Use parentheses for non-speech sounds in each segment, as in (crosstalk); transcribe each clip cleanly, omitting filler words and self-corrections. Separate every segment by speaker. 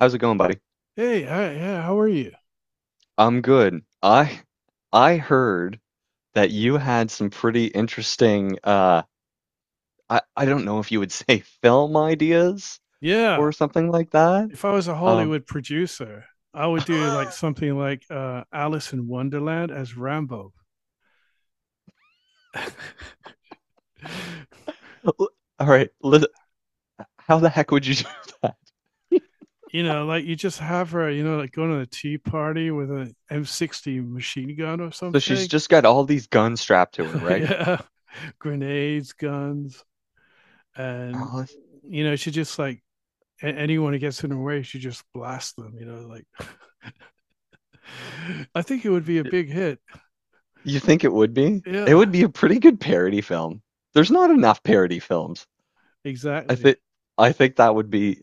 Speaker 1: How's it going, buddy?
Speaker 2: Hey, hi, yeah, how are you?
Speaker 1: I'm good. I heard that you had some pretty interesting I don't know if you would (laughs) say film ideas or
Speaker 2: Yeah,
Speaker 1: something like that.
Speaker 2: if I was a
Speaker 1: Um
Speaker 2: Hollywood producer, I would do like
Speaker 1: (laughs)
Speaker 2: something like Alice in Wonderland as Rambo. (laughs)
Speaker 1: all right, how the heck would you (laughs) do that?
Speaker 2: You know, like you just have her, you know, like going to a tea party with an M60 machine gun or
Speaker 1: So she's
Speaker 2: something.
Speaker 1: just got all these guns strapped to her,
Speaker 2: (laughs)
Speaker 1: right?
Speaker 2: Yeah, grenades, guns, and
Speaker 1: Oh,
Speaker 2: you know, she just like anyone who gets in her way, she just blasts them. You know, like (laughs) I think it would be a big hit.
Speaker 1: you think it would be? It
Speaker 2: Yeah,
Speaker 1: would be a pretty good parody film. There's not enough parody films. I
Speaker 2: exactly.
Speaker 1: think I think that would be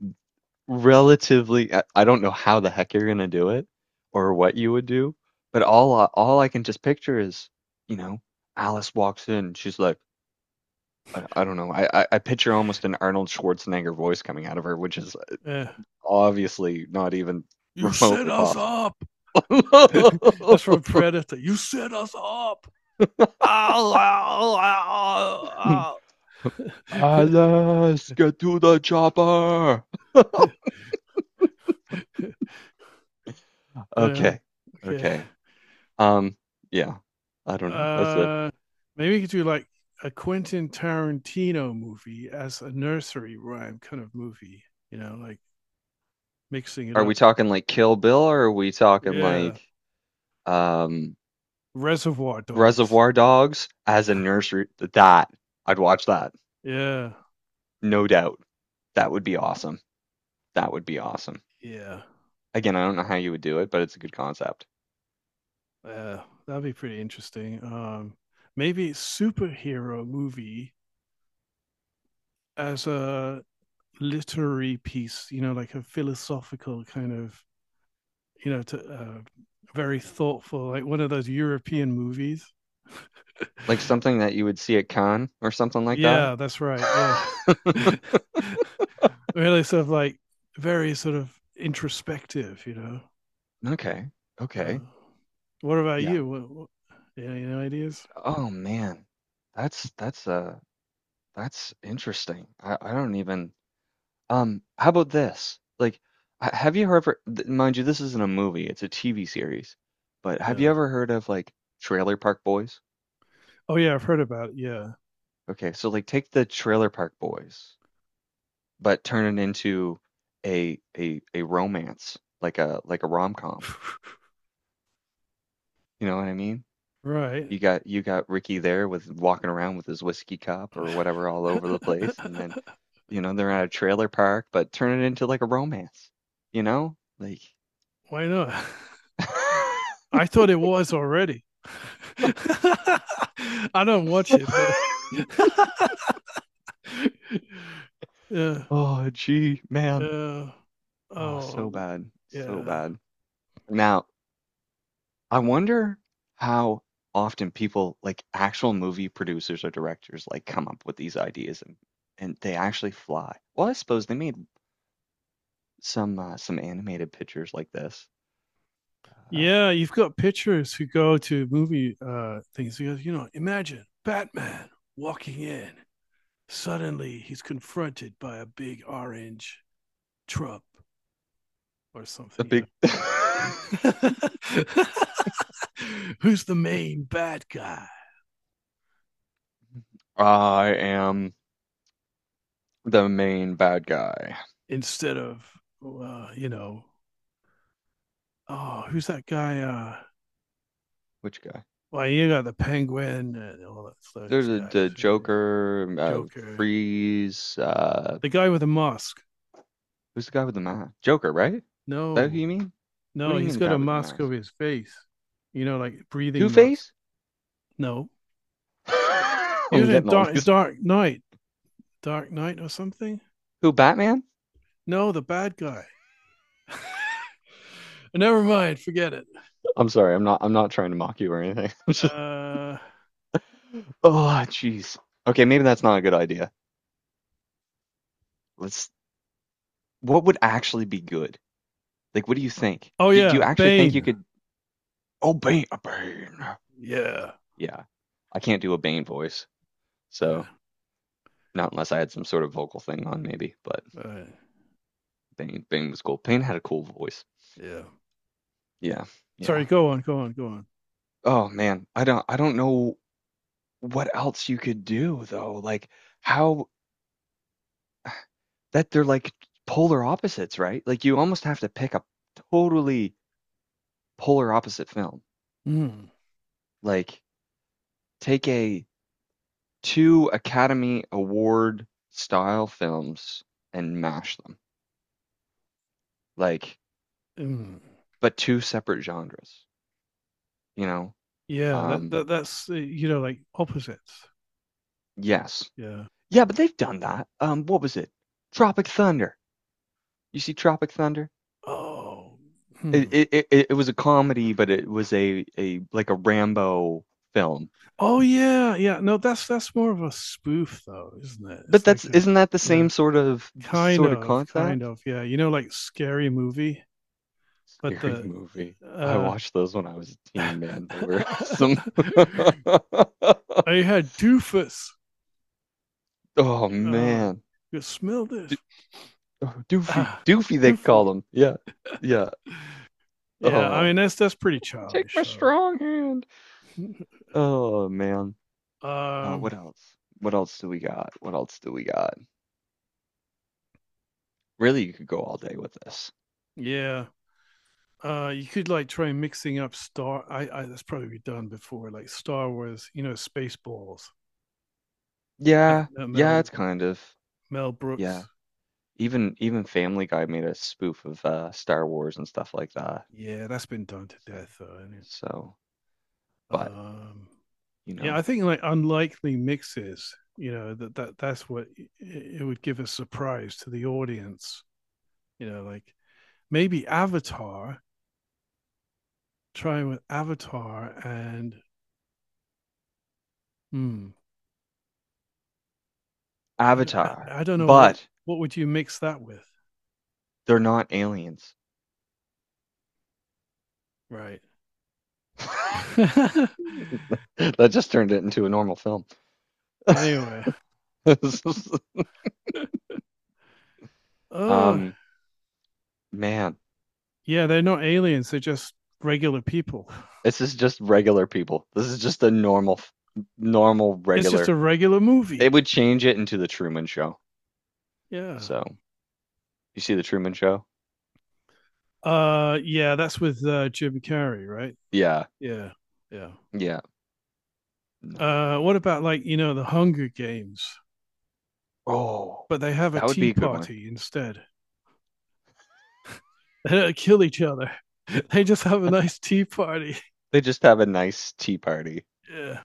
Speaker 1: relatively I don't know how the heck you're gonna do it or what you would do, but all I can just picture is, you know, Alice walks in, she's like, I don't know, I picture almost an Arnold Schwarzenegger voice coming out of her, which is
Speaker 2: Yeah.
Speaker 1: obviously not even
Speaker 2: You set
Speaker 1: remotely
Speaker 2: us
Speaker 1: possible.
Speaker 2: up. (laughs) That's from
Speaker 1: (laughs)
Speaker 2: Predator. You set us up. (laughs) Ow, ow, ow, ow.
Speaker 1: Alice, get to the chopper.
Speaker 2: (laughs) Oh,
Speaker 1: Okay,
Speaker 2: okay.
Speaker 1: okay. Um, yeah, I don't know. That's it.
Speaker 2: Uh, Maybe we could do like a Quentin Tarantino movie as a nursery rhyme kind of movie, you know, like mixing it
Speaker 1: Are we
Speaker 2: up.
Speaker 1: talking like Kill Bill, or are we talking
Speaker 2: Yeah.
Speaker 1: like? um,
Speaker 2: Reservoir Dogs.
Speaker 1: Reservoir Dogs as a nursery. That I'd watch that,
Speaker 2: Yeah.
Speaker 1: no doubt. That would be awesome. That would be awesome.
Speaker 2: Yeah.
Speaker 1: Again, I don't know how you would do it, but it's a good concept.
Speaker 2: Yeah. That'd be pretty interesting. Maybe superhero movie as a literary piece, you know, like a philosophical kind of, you know, to, very thoughtful, like one of those European movies. (laughs)
Speaker 1: Like something that you would see at Cannes or something like that.
Speaker 2: Yeah, that's right. Yeah.
Speaker 1: (laughs)
Speaker 2: (laughs) Really sort of like very sort of introspective, you know.
Speaker 1: Okay.
Speaker 2: Uh,
Speaker 1: Okay.
Speaker 2: what about
Speaker 1: Yeah.
Speaker 2: you? Yeah, any ideas?
Speaker 1: Oh man. That's that's interesting. I don't even how about this? Like, ha have you ever th mind you, this isn't a movie, it's a TV series. But have you
Speaker 2: Yeah.
Speaker 1: ever heard of, like, Trailer Park Boys?
Speaker 2: Oh, yeah, I've heard about it. Yeah.
Speaker 1: Okay, so, like, take the Trailer Park Boys, but turn it into a romance, like a rom-com. You know what I mean?
Speaker 2: Right.
Speaker 1: You got Ricky there with walking around with his whiskey cup
Speaker 2: (laughs)
Speaker 1: or whatever all over the place, and then, you know, they're at a trailer park, but turn it into like a romance, you know? Like
Speaker 2: Why not? I thought it was already. (laughs) I don't watch it, but
Speaker 1: (laughs)
Speaker 2: (laughs) yeah,
Speaker 1: Oh, gee, man.
Speaker 2: yeah,
Speaker 1: Oh,
Speaker 2: oh,
Speaker 1: so bad. So
Speaker 2: yeah,
Speaker 1: bad. Now, I wonder how often people, like actual movie producers or directors, like come up with these ideas and they actually fly. Well, I suppose they made some animated pictures like this. Uh,
Speaker 2: yeah. You've got pictures who go to movie things because you know, imagine Batman walking in. Suddenly, he's confronted by a big orange Trump or
Speaker 1: the
Speaker 2: something. You
Speaker 1: big
Speaker 2: know,
Speaker 1: (laughs)
Speaker 2: (laughs) who's the main bad guy
Speaker 1: I am the main bad guy.
Speaker 2: instead of you know, oh,
Speaker 1: The
Speaker 2: who's that
Speaker 1: Joker.
Speaker 2: guy?
Speaker 1: Which guy?
Speaker 2: Well, you got the Penguin and all that, those guys,
Speaker 1: The Joker,
Speaker 2: Joker,
Speaker 1: Freeze,
Speaker 2: the guy with the mask.
Speaker 1: Who's the guy with the mask? Joker, right? Is that who
Speaker 2: No,
Speaker 1: you mean? What
Speaker 2: No,
Speaker 1: do you
Speaker 2: he's
Speaker 1: mean the
Speaker 2: got
Speaker 1: guy
Speaker 2: a
Speaker 1: with the
Speaker 2: mask over
Speaker 1: mask?
Speaker 2: his face. You know, like
Speaker 1: Two
Speaker 2: breathing mask.
Speaker 1: Face?
Speaker 2: No,
Speaker 1: (laughs)
Speaker 2: he
Speaker 1: I'm
Speaker 2: was in
Speaker 1: getting all these.
Speaker 2: Dark Knight, Dark Knight or something.
Speaker 1: Who? Batman?
Speaker 2: No, the bad guy. (laughs) Never mind, forget it.
Speaker 1: I'm sorry. I'm not trying to mock you or anything. (laughs) I'm just.
Speaker 2: Uh,
Speaker 1: Oh, jeez. Okay, maybe that's not a good idea. Let's. What would actually be good? Like, what do you think?
Speaker 2: oh
Speaker 1: Do you
Speaker 2: yeah,
Speaker 1: actually think you
Speaker 2: Bane.
Speaker 1: could? Oh, Bane.
Speaker 2: Yeah,
Speaker 1: Yeah, I can't do a Bane voice, so
Speaker 2: yeah,
Speaker 1: not unless I had some sort of vocal thing on, maybe. But
Speaker 2: all right,
Speaker 1: Bane was cool. Bane had a cool voice.
Speaker 2: yeah.
Speaker 1: Yeah,
Speaker 2: Sorry,
Speaker 1: yeah.
Speaker 2: go on, go on, go on.
Speaker 1: Oh man, I don't know what else you could do though. Like how that they're like polar opposites, right? Like you almost have to pick a totally polar opposite film.
Speaker 2: Mm,
Speaker 1: Like take a two Academy Award style films and mash them. Like
Speaker 2: mm.
Speaker 1: but two separate genres, you know?
Speaker 2: Yeah, that,
Speaker 1: Um
Speaker 2: that that's uh, you know, like opposites.
Speaker 1: yes.
Speaker 2: Yeah.
Speaker 1: Yeah, but they've done that. What was it? Tropic Thunder. You see Tropic Thunder?
Speaker 2: Oh.
Speaker 1: It
Speaker 2: Hmm.
Speaker 1: it it, it- was a comedy, but it was a like a Rambo film.
Speaker 2: Oh yeah, yeah. No, that's more of a spoof though, isn't it?
Speaker 1: But
Speaker 2: It's like
Speaker 1: that's
Speaker 2: a
Speaker 1: isn't that the
Speaker 2: yeah,
Speaker 1: same
Speaker 2: kind
Speaker 1: sort of
Speaker 2: of, kind
Speaker 1: concept?
Speaker 2: of. Yeah, you know, like scary movie, but
Speaker 1: Scary
Speaker 2: the
Speaker 1: movie. I
Speaker 2: uh,
Speaker 1: watched those when I was a teen,
Speaker 2: (laughs)
Speaker 1: man. They were (laughs) awesome. (laughs)
Speaker 2: I had doofus.
Speaker 1: Oh
Speaker 2: Uh,
Speaker 1: man.
Speaker 2: you smell
Speaker 1: Do
Speaker 2: this,
Speaker 1: oh, Doofy.
Speaker 2: ah,
Speaker 1: Doofy they
Speaker 2: doofy.
Speaker 1: call him. Yeah. Yeah.
Speaker 2: Yeah, I
Speaker 1: Oh.
Speaker 2: mean that's pretty
Speaker 1: Take
Speaker 2: childish
Speaker 1: my
Speaker 2: though.
Speaker 1: strong hand. Oh man.
Speaker 2: (laughs)
Speaker 1: Oh,
Speaker 2: um,
Speaker 1: what else? What else do we got? What else do we got? Really, you could go all day with this.
Speaker 2: yeah. You could like try mixing up Star. I that's probably been done before, like Star Wars. You know, Spaceballs. That,
Speaker 1: Yeah, yeah,
Speaker 2: Mel
Speaker 1: it's kind of.
Speaker 2: Mel
Speaker 1: Yeah.
Speaker 2: Brooks.
Speaker 1: Even Family Guy made a spoof of Star Wars and stuff like that.
Speaker 2: Yeah, that's been done to
Speaker 1: So
Speaker 2: death, though. Isn't it?
Speaker 1: so but,
Speaker 2: Um,
Speaker 1: you
Speaker 2: yeah, I
Speaker 1: know,
Speaker 2: think like unlikely mixes. You know that's what it would give a surprise to the audience. You know, like maybe Avatar. Trying with Avatar and hmm, I don't,
Speaker 1: Avatar.
Speaker 2: I don't know
Speaker 1: But
Speaker 2: what would you mix that with,
Speaker 1: they're not aliens.
Speaker 2: right?
Speaker 1: (laughs)
Speaker 2: (laughs)
Speaker 1: That just turned it into a normal film.
Speaker 2: Anyway,
Speaker 1: (laughs)
Speaker 2: (laughs) uh,
Speaker 1: Um, man,
Speaker 2: yeah, they're not aliens. They're just regular people.
Speaker 1: this is just regular people. This is just a normal
Speaker 2: It's just
Speaker 1: regular.
Speaker 2: a regular movie.
Speaker 1: It would change it into the Truman Show.
Speaker 2: Yeah.
Speaker 1: So, you see the Truman Show?
Speaker 2: Yeah, that's with Jim Carrey, right?
Speaker 1: Yeah.
Speaker 2: Yeah, yeah.
Speaker 1: Yeah. No, that would
Speaker 2: What
Speaker 1: be
Speaker 2: about like you know the Hunger Games,
Speaker 1: Oh,
Speaker 2: but they have a
Speaker 1: that would
Speaker 2: tea
Speaker 1: be a good one.
Speaker 2: party instead. (laughs) They don't kill each other. (laughs) They just have a nice tea party. (laughs)
Speaker 1: They just have a nice tea party.
Speaker 2: Yeah.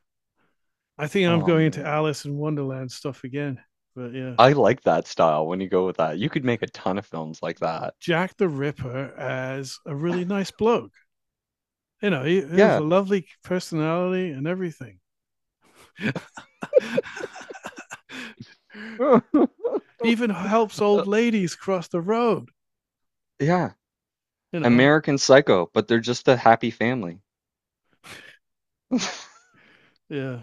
Speaker 2: I think I'm
Speaker 1: Oh
Speaker 2: going into
Speaker 1: man.
Speaker 2: Alice in Wonderland stuff again. But yeah,
Speaker 1: I like that style when you go with that. You could make a ton of films like that.
Speaker 2: Jack the Ripper as a really nice
Speaker 1: (laughs)
Speaker 2: bloke, you know, he was a
Speaker 1: yeah.
Speaker 2: lovely personality and everything. (laughs)
Speaker 1: (laughs)
Speaker 2: Even helps
Speaker 1: Uh,
Speaker 2: old ladies cross the road,
Speaker 1: yeah.
Speaker 2: you know.
Speaker 1: American Psycho, but they're just a happy family. (laughs)
Speaker 2: Yeah,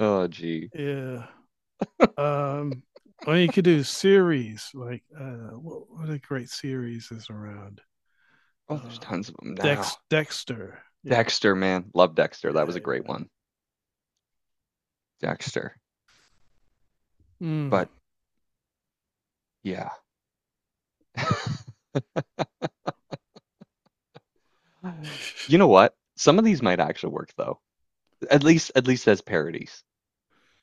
Speaker 1: oh, gee.
Speaker 2: yeah. Um, I mean, you could do series like what a great series is around
Speaker 1: Oh,
Speaker 2: uh,
Speaker 1: there's tons of them now.
Speaker 2: Dexter, you know.
Speaker 1: Dexter, man. Love Dexter.
Speaker 2: Yeah,
Speaker 1: That was a great
Speaker 2: yeah.
Speaker 1: one. Dexter.
Speaker 2: Mm.
Speaker 1: But
Speaker 2: (laughs)
Speaker 1: yeah. (laughs) you know what? Some of these might actually work though. At least as parodies.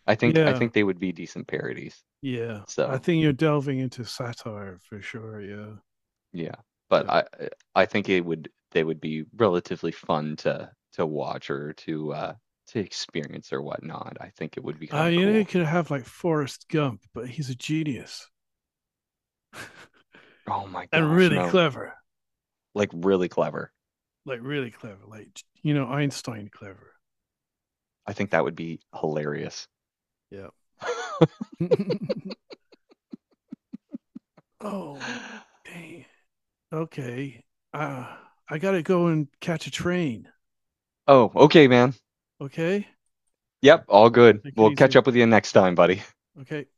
Speaker 1: I think I
Speaker 2: Yeah,
Speaker 1: think they would be decent parodies.
Speaker 2: yeah. I
Speaker 1: So
Speaker 2: think you're delving into satire for sure. Yeah,
Speaker 1: yeah, but
Speaker 2: yeah.
Speaker 1: I think it would they would be relatively fun to watch or to experience or whatnot. I think it would be kind of
Speaker 2: You know, you
Speaker 1: cool.
Speaker 2: could have like Forrest Gump, but he's a genius
Speaker 1: Oh my
Speaker 2: and
Speaker 1: gosh, no, like really clever.
Speaker 2: really clever, like you know Einstein clever.
Speaker 1: I think that would be hilarious.
Speaker 2: Yeah. (laughs) Oh,
Speaker 1: (laughs)
Speaker 2: dang. Okay. Uh, I gotta go and catch a train.
Speaker 1: oh, okay, man.
Speaker 2: Okay.
Speaker 1: Yep, all good.
Speaker 2: Take it
Speaker 1: We'll catch
Speaker 2: easy.
Speaker 1: up with you next time, buddy.
Speaker 2: Okay.